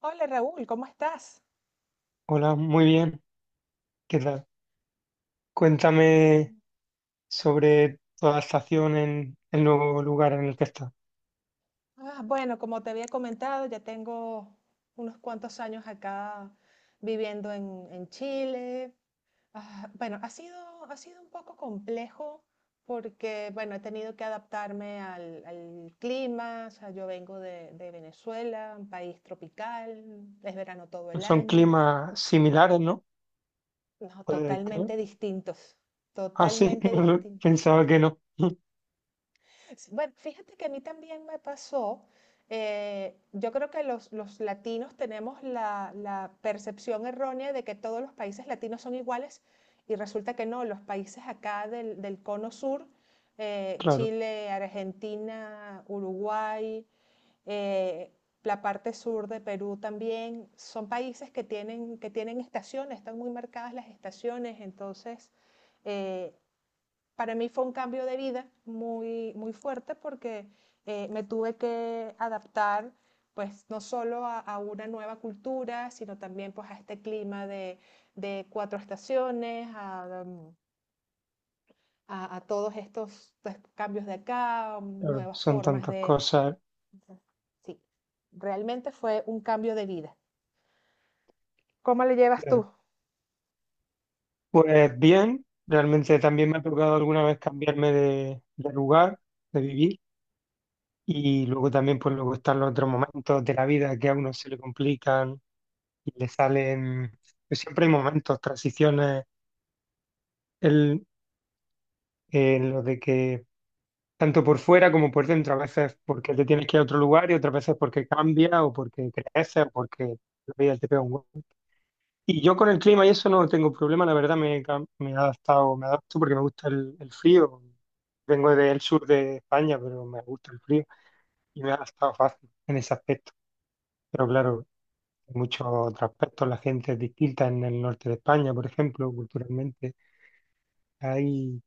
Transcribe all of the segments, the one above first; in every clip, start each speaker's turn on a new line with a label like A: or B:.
A: Hola, Raúl, ¿cómo estás?
B: Hola, muy bien. ¿Qué tal? Cuéntame sobre tu adaptación en el nuevo lugar en el que estás.
A: Bueno, como te había comentado, ya tengo unos cuantos años acá viviendo en Chile. Bueno, ha sido un poco complejo porque, bueno, he tenido que adaptarme al clima. O sea, yo vengo de Venezuela, un país tropical, es verano todo el
B: Son
A: año.
B: climas similares, ¿no?
A: No,
B: Puede creer.
A: totalmente distintos,
B: Ah, sí,
A: totalmente distintos.
B: pensaba que no.
A: Sí, bueno, fíjate que a mí también me pasó, yo creo que los latinos tenemos la percepción errónea de que todos los países latinos son iguales, y resulta que no, los países acá del cono sur,
B: Claro,
A: Chile, Argentina, Uruguay, eh, la parte sur de Perú también, son países que tienen estaciones, están muy marcadas las estaciones, entonces eh, para mí fue un cambio de vida muy, muy fuerte porque me tuve que adaptar pues no solo una nueva cultura, sino también pues a este clima de cuatro estaciones, todos estos pues cambios de acá,
B: claro,
A: nuevas
B: son
A: formas
B: tantas
A: de...
B: cosas.
A: Sí, realmente fue un cambio de vida. ¿Cómo le llevas
B: Claro.
A: tú?
B: Pues bien, realmente también me ha tocado alguna vez cambiarme de lugar, de vivir, y luego también, pues luego están los otros momentos de la vida que a uno se le complican y le salen. Pues siempre hay momentos, transiciones. El, en lo de que tanto por fuera como por dentro, a veces porque te tienes que ir a otro lugar y otras veces porque cambia o porque creces o porque la vida te pega un golpe. Y yo con el clima y eso no tengo problema, la verdad me he adaptado, me adapto porque me gusta el frío. Vengo del sur de España, pero me gusta el frío y me ha adaptado fácil en ese aspecto. Pero claro, en muchos otros aspectos la gente es distinta en el norte de España, por ejemplo, culturalmente. Hay,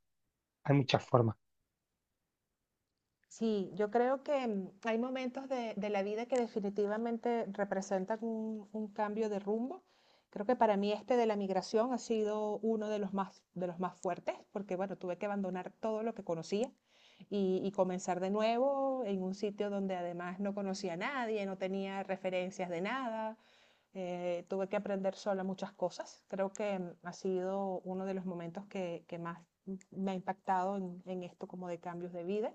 B: hay muchas formas,
A: Sí, yo creo que mm, hay momentos de la vida que definitivamente representan un cambio de rumbo. Creo que para mí este de la migración ha sido uno de los más fuertes, porque bueno, tuve que abandonar todo lo que conocía y comenzar de nuevo en un sitio donde además no conocía a nadie, no tenía referencias de nada. Tuve que aprender sola muchas cosas. Creo que mm, ha sido uno de los momentos que más mm, me ha impactado en esto como de cambios de vida.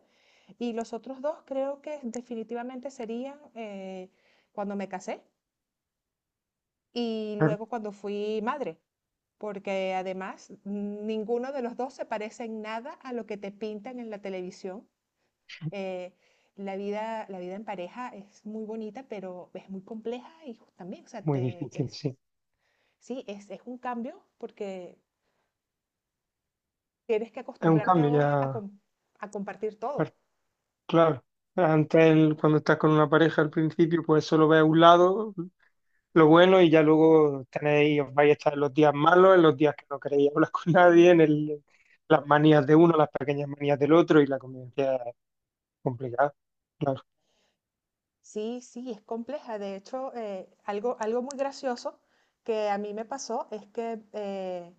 A: Y los otros dos creo que definitivamente serían cuando me casé y
B: claro,
A: luego cuando fui madre, porque además ninguno de los dos se parece en nada a lo que te pintan en la televisión. Eh, la vida en pareja es muy bonita, pero es muy compleja y también, o sea,
B: muy
A: te,
B: difícil,
A: es,
B: sí.
A: sí, es un cambio porque tienes que
B: Es un
A: acostumbrarte
B: cambio
A: ahora a,
B: ya.
A: a compartir
B: Pues,
A: todo.
B: claro, antes cuando estás con una pareja al principio, pues solo ves un lado, lo bueno, y ya luego tenéis, os vais a estar en los días malos, en los días que no queréis hablar con nadie, en las manías de uno, las pequeñas manías del otro, y la convivencia es complicada. Claro,
A: Sí, sí, es compleja. De hecho, algo muy gracioso que a mí me pasó es que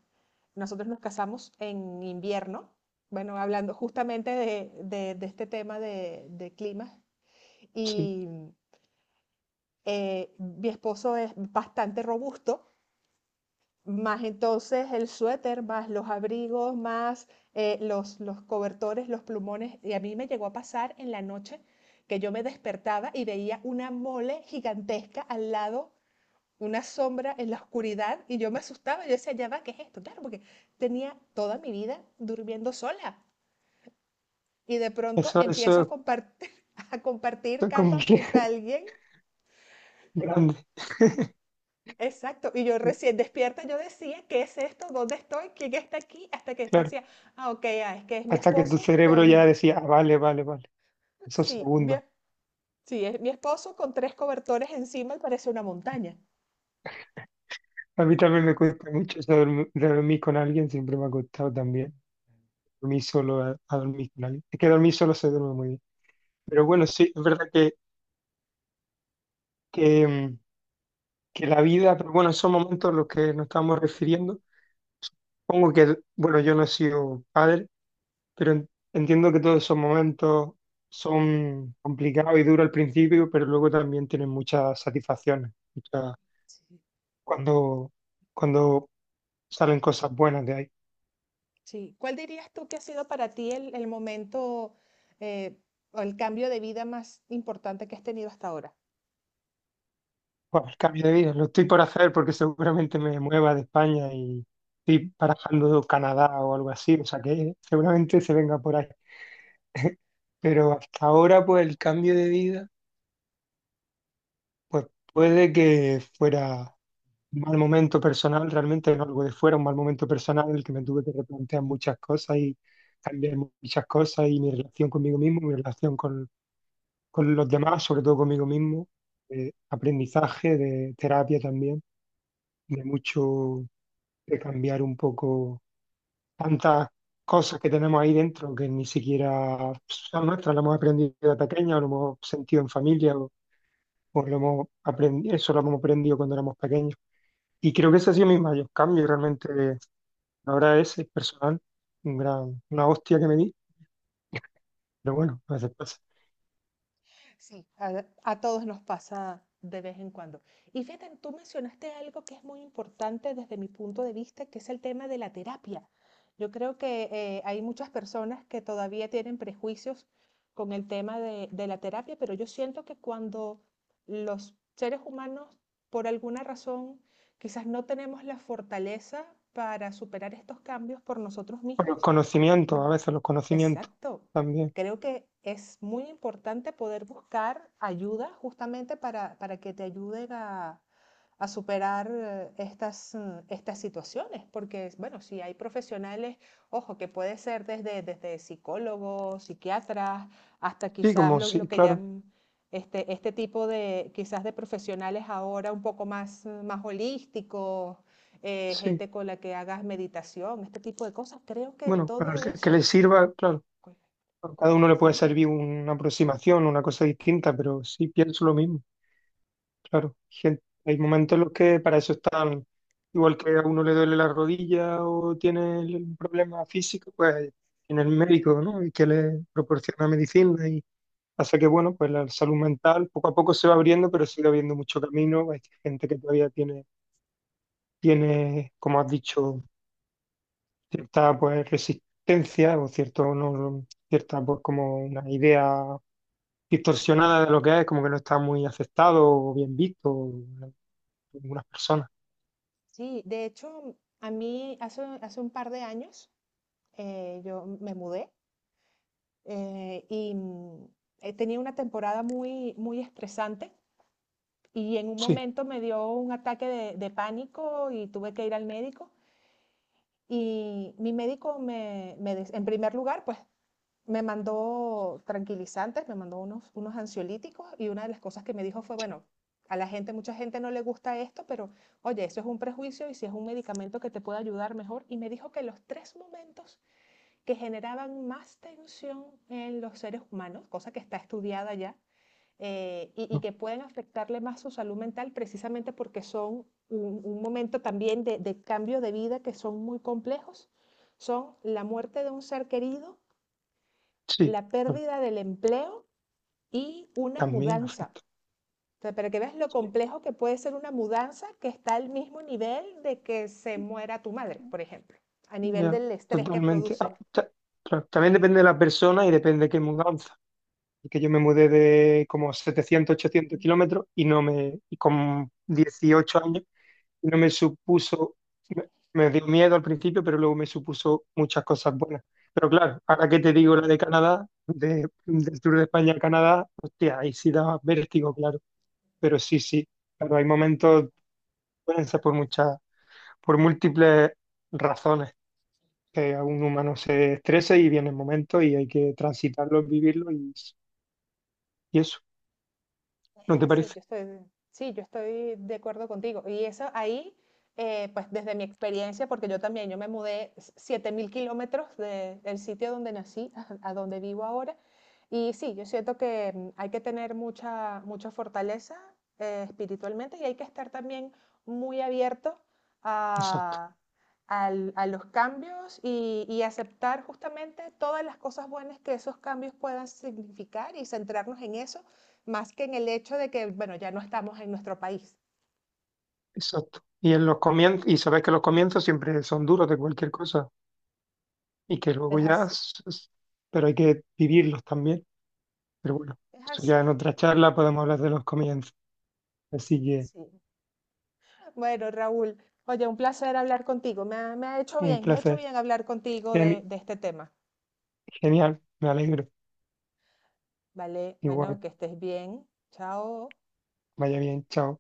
A: nosotros nos casamos en invierno, bueno, hablando justamente de este tema de clima
B: sí,
A: y mi esposo es bastante robusto, más entonces el suéter, más los abrigos, más los cobertores, los plumones. Y a mí me llegó a pasar en la noche que yo me despertaba y veía una mole gigantesca al lado, una sombra en la oscuridad, y yo me asustaba, yo decía, ya va, ¿qué es esto? Claro, porque tenía toda mi vida durmiendo sola y de pronto
B: eso,
A: empiezo a
B: eso,
A: compartir, a
B: eso
A: compartir
B: es
A: cama con alguien.
B: grande,
A: Exacto, y yo recién despierta, yo decía, ¿qué es esto? ¿Dónde estoy? ¿Quién está aquí? Hasta que después
B: claro.
A: decía, ah, ok, ah, es que es mi
B: Hasta que tu
A: esposo
B: cerebro ya
A: con,
B: decía, "Ah, vale, esos
A: sí,
B: segundos".
A: sí, es mi esposo con tres cobertores encima y parece una montaña.
B: A mí también me cuesta mucho eso de dormir con alguien, siempre me ha costado también. Dormí solo a dormir con alguien. Es que dormir solo se duerme muy bien. Pero bueno, sí, es verdad que, mm, que la vida, pero bueno, esos momentos a los que nos estamos refiriendo, pongo que, bueno, yo no he sido padre, pero entiendo que todos esos momentos son complicados y duros al principio, pero luego también tienen muchas satisfacciones, muchas-
A: Sí.
B: cuando, cuando salen cosas buenas de ahí.
A: Sí, ¿cuál dirías tú que ha sido para ti el momento eh, o el cambio de vida más importante que has tenido hasta ahora?
B: Buah, el cambio de vida lo estoy por hacer porque seguramente me mueva de España y estoy barajando Canadá o algo así, o sea que seguramente se venga por ahí. Pero hasta ahora, pues el cambio de vida, pues puede que fuera un mal momento personal, realmente no algo de fuera, un mal momento personal en el que me tuve que replantear muchas cosas y cambiar muchas cosas y mi relación conmigo mismo, mi relación con los demás, sobre todo conmigo mismo, de aprendizaje, de terapia también, de mucho. De cambiar un poco tantas cosas que tenemos ahí dentro que ni siquiera son nuestras, las hemos aprendido de pequeña, lo hemos sentido en familia, o lo hemos aprendido, eso lo hemos aprendido cuando éramos pequeños. Y creo que ese ha sido mi mayor cambio, y realmente ahora ese es personal, un gran, una hostia que me di, pero bueno, a veces pasa.
A: Sí, a todos nos pasa de vez en cuando. Y fíjate, tú mencionaste algo que es muy importante desde mi punto de vista, que es el tema de la terapia. Yo creo que hay muchas personas que todavía tienen prejuicios con el tema de la terapia, pero yo siento que cuando los seres humanos, por alguna razón, quizás no tenemos la fortaleza para superar estos cambios por nosotros
B: O los
A: mismos, me-
B: conocimientos, a veces los conocimientos
A: exacto.
B: también.
A: Creo que es muy importante poder buscar ayuda justamente para que te ayuden a superar estas situaciones, porque, bueno, si hay profesionales, ojo, que puede ser desde psicólogos, psiquiatras, hasta
B: Sí,
A: quizás
B: como
A: lo
B: sí,
A: que
B: claro,
A: llaman este tipo de, quizás de profesionales ahora un poco más, más holísticos,
B: sí.
A: gente con la que hagas meditación, este tipo de cosas. Creo que
B: Bueno, para
A: todo
B: que
A: eso,
B: le sirva, claro.
A: pues,
B: A cada uno le puede
A: sí,
B: servir una aproximación, una cosa distinta, pero sí pienso lo mismo, claro. Gente, hay momentos en los que para eso están, igual que a uno le duele la rodilla o tiene un problema físico, pues tiene el médico, ¿no? Y que le proporciona medicina y hace que, bueno, pues la salud mental poco a poco se va abriendo, pero sigue habiendo mucho camino. Hay gente que todavía tiene, como has dicho, cierta pues resistencia o cierto no, no, cierta pues como una idea distorsionada de lo que es, como que no está muy aceptado o bien visto en algunas personas.
A: sí. De hecho, a mí hace un par de años yo me mudé, eh, y mm, tenía una temporada muy, muy estresante y en un
B: Sí,
A: momento me dio un ataque de pánico y tuve que ir al médico. Y mi médico en primer lugar, pues me mandó tranquilizantes, me mandó unos ansiolíticos, y una de las cosas que me dijo fue, bueno, mucha gente no le gusta esto, pero oye, eso es un prejuicio y si es un medicamento que te puede ayudar mejor. Y me dijo que los tres momentos que generaban más tensión en los seres humanos, cosa que está estudiada ya, y
B: ¿no?
A: que pueden afectarle más su salud mental precisamente porque son un momento también de cambio de vida que son muy complejos, son la muerte de un ser querido,
B: Sí,
A: la
B: pero
A: pérdida del empleo y una
B: también
A: mudanza.
B: afecta.
A: O sea, para que veas lo
B: Sí,
A: complejo que puede ser una mudanza, que está al mismo nivel de que se muera tu madre, por ejemplo, a nivel
B: ya,
A: del estrés que
B: totalmente.
A: produce.
B: Ah, claro, también depende de la persona y depende de qué mudanza. Porque yo me mudé de como 700 800 kilómetros y no me, y con 18 años no me supuso, me, me dio miedo al principio, pero luego me supuso muchas cosas buenas. Pero claro, ahora que te digo la de Canadá, de, del Tour de España a Canadá, hostia, ahí sí daba vértigo, claro. Pero sí, sí, claro, hay momentos, pueden ser por muchas, por múltiples razones que a un humano se estresa y vienen momentos y hay que transitarlos, vivirlos y eso, ¿no
A: Es
B: te
A: así,
B: parece?
A: yo estoy, sí, yo estoy de acuerdo contigo. Y eso ahí, pues desde mi experiencia, porque yo también, yo me mudé 7.000 kilómetros del sitio donde nací a donde vivo ahora. Y sí, yo siento que mm, hay que tener mucha, mucha fortaleza espiritualmente, y hay que estar también muy abierto
B: Exacto,
A: a, a los cambios y aceptar justamente todas las cosas buenas que esos cambios puedan significar y centrarnos en eso más que en el hecho de que, bueno, ya no estamos en nuestro país.
B: exacto. Y en los comienzos, y sabes que los comienzos siempre son duros de cualquier cosa. Y que luego
A: Es
B: ya,
A: así,
B: pero hay que vivirlos también. Pero bueno,
A: es
B: eso ya
A: así.
B: en otra charla podemos hablar de los comienzos. Así que
A: Sí. Bueno, Raúl, oye, un placer hablar contigo. Me ha hecho
B: un
A: bien, me ha hecho
B: placer.
A: bien hablar contigo
B: Geni-
A: de este tema.
B: genial, me alegro.
A: Vale, bueno,
B: Igual,
A: que estés bien. Chao.
B: vaya bien, chao.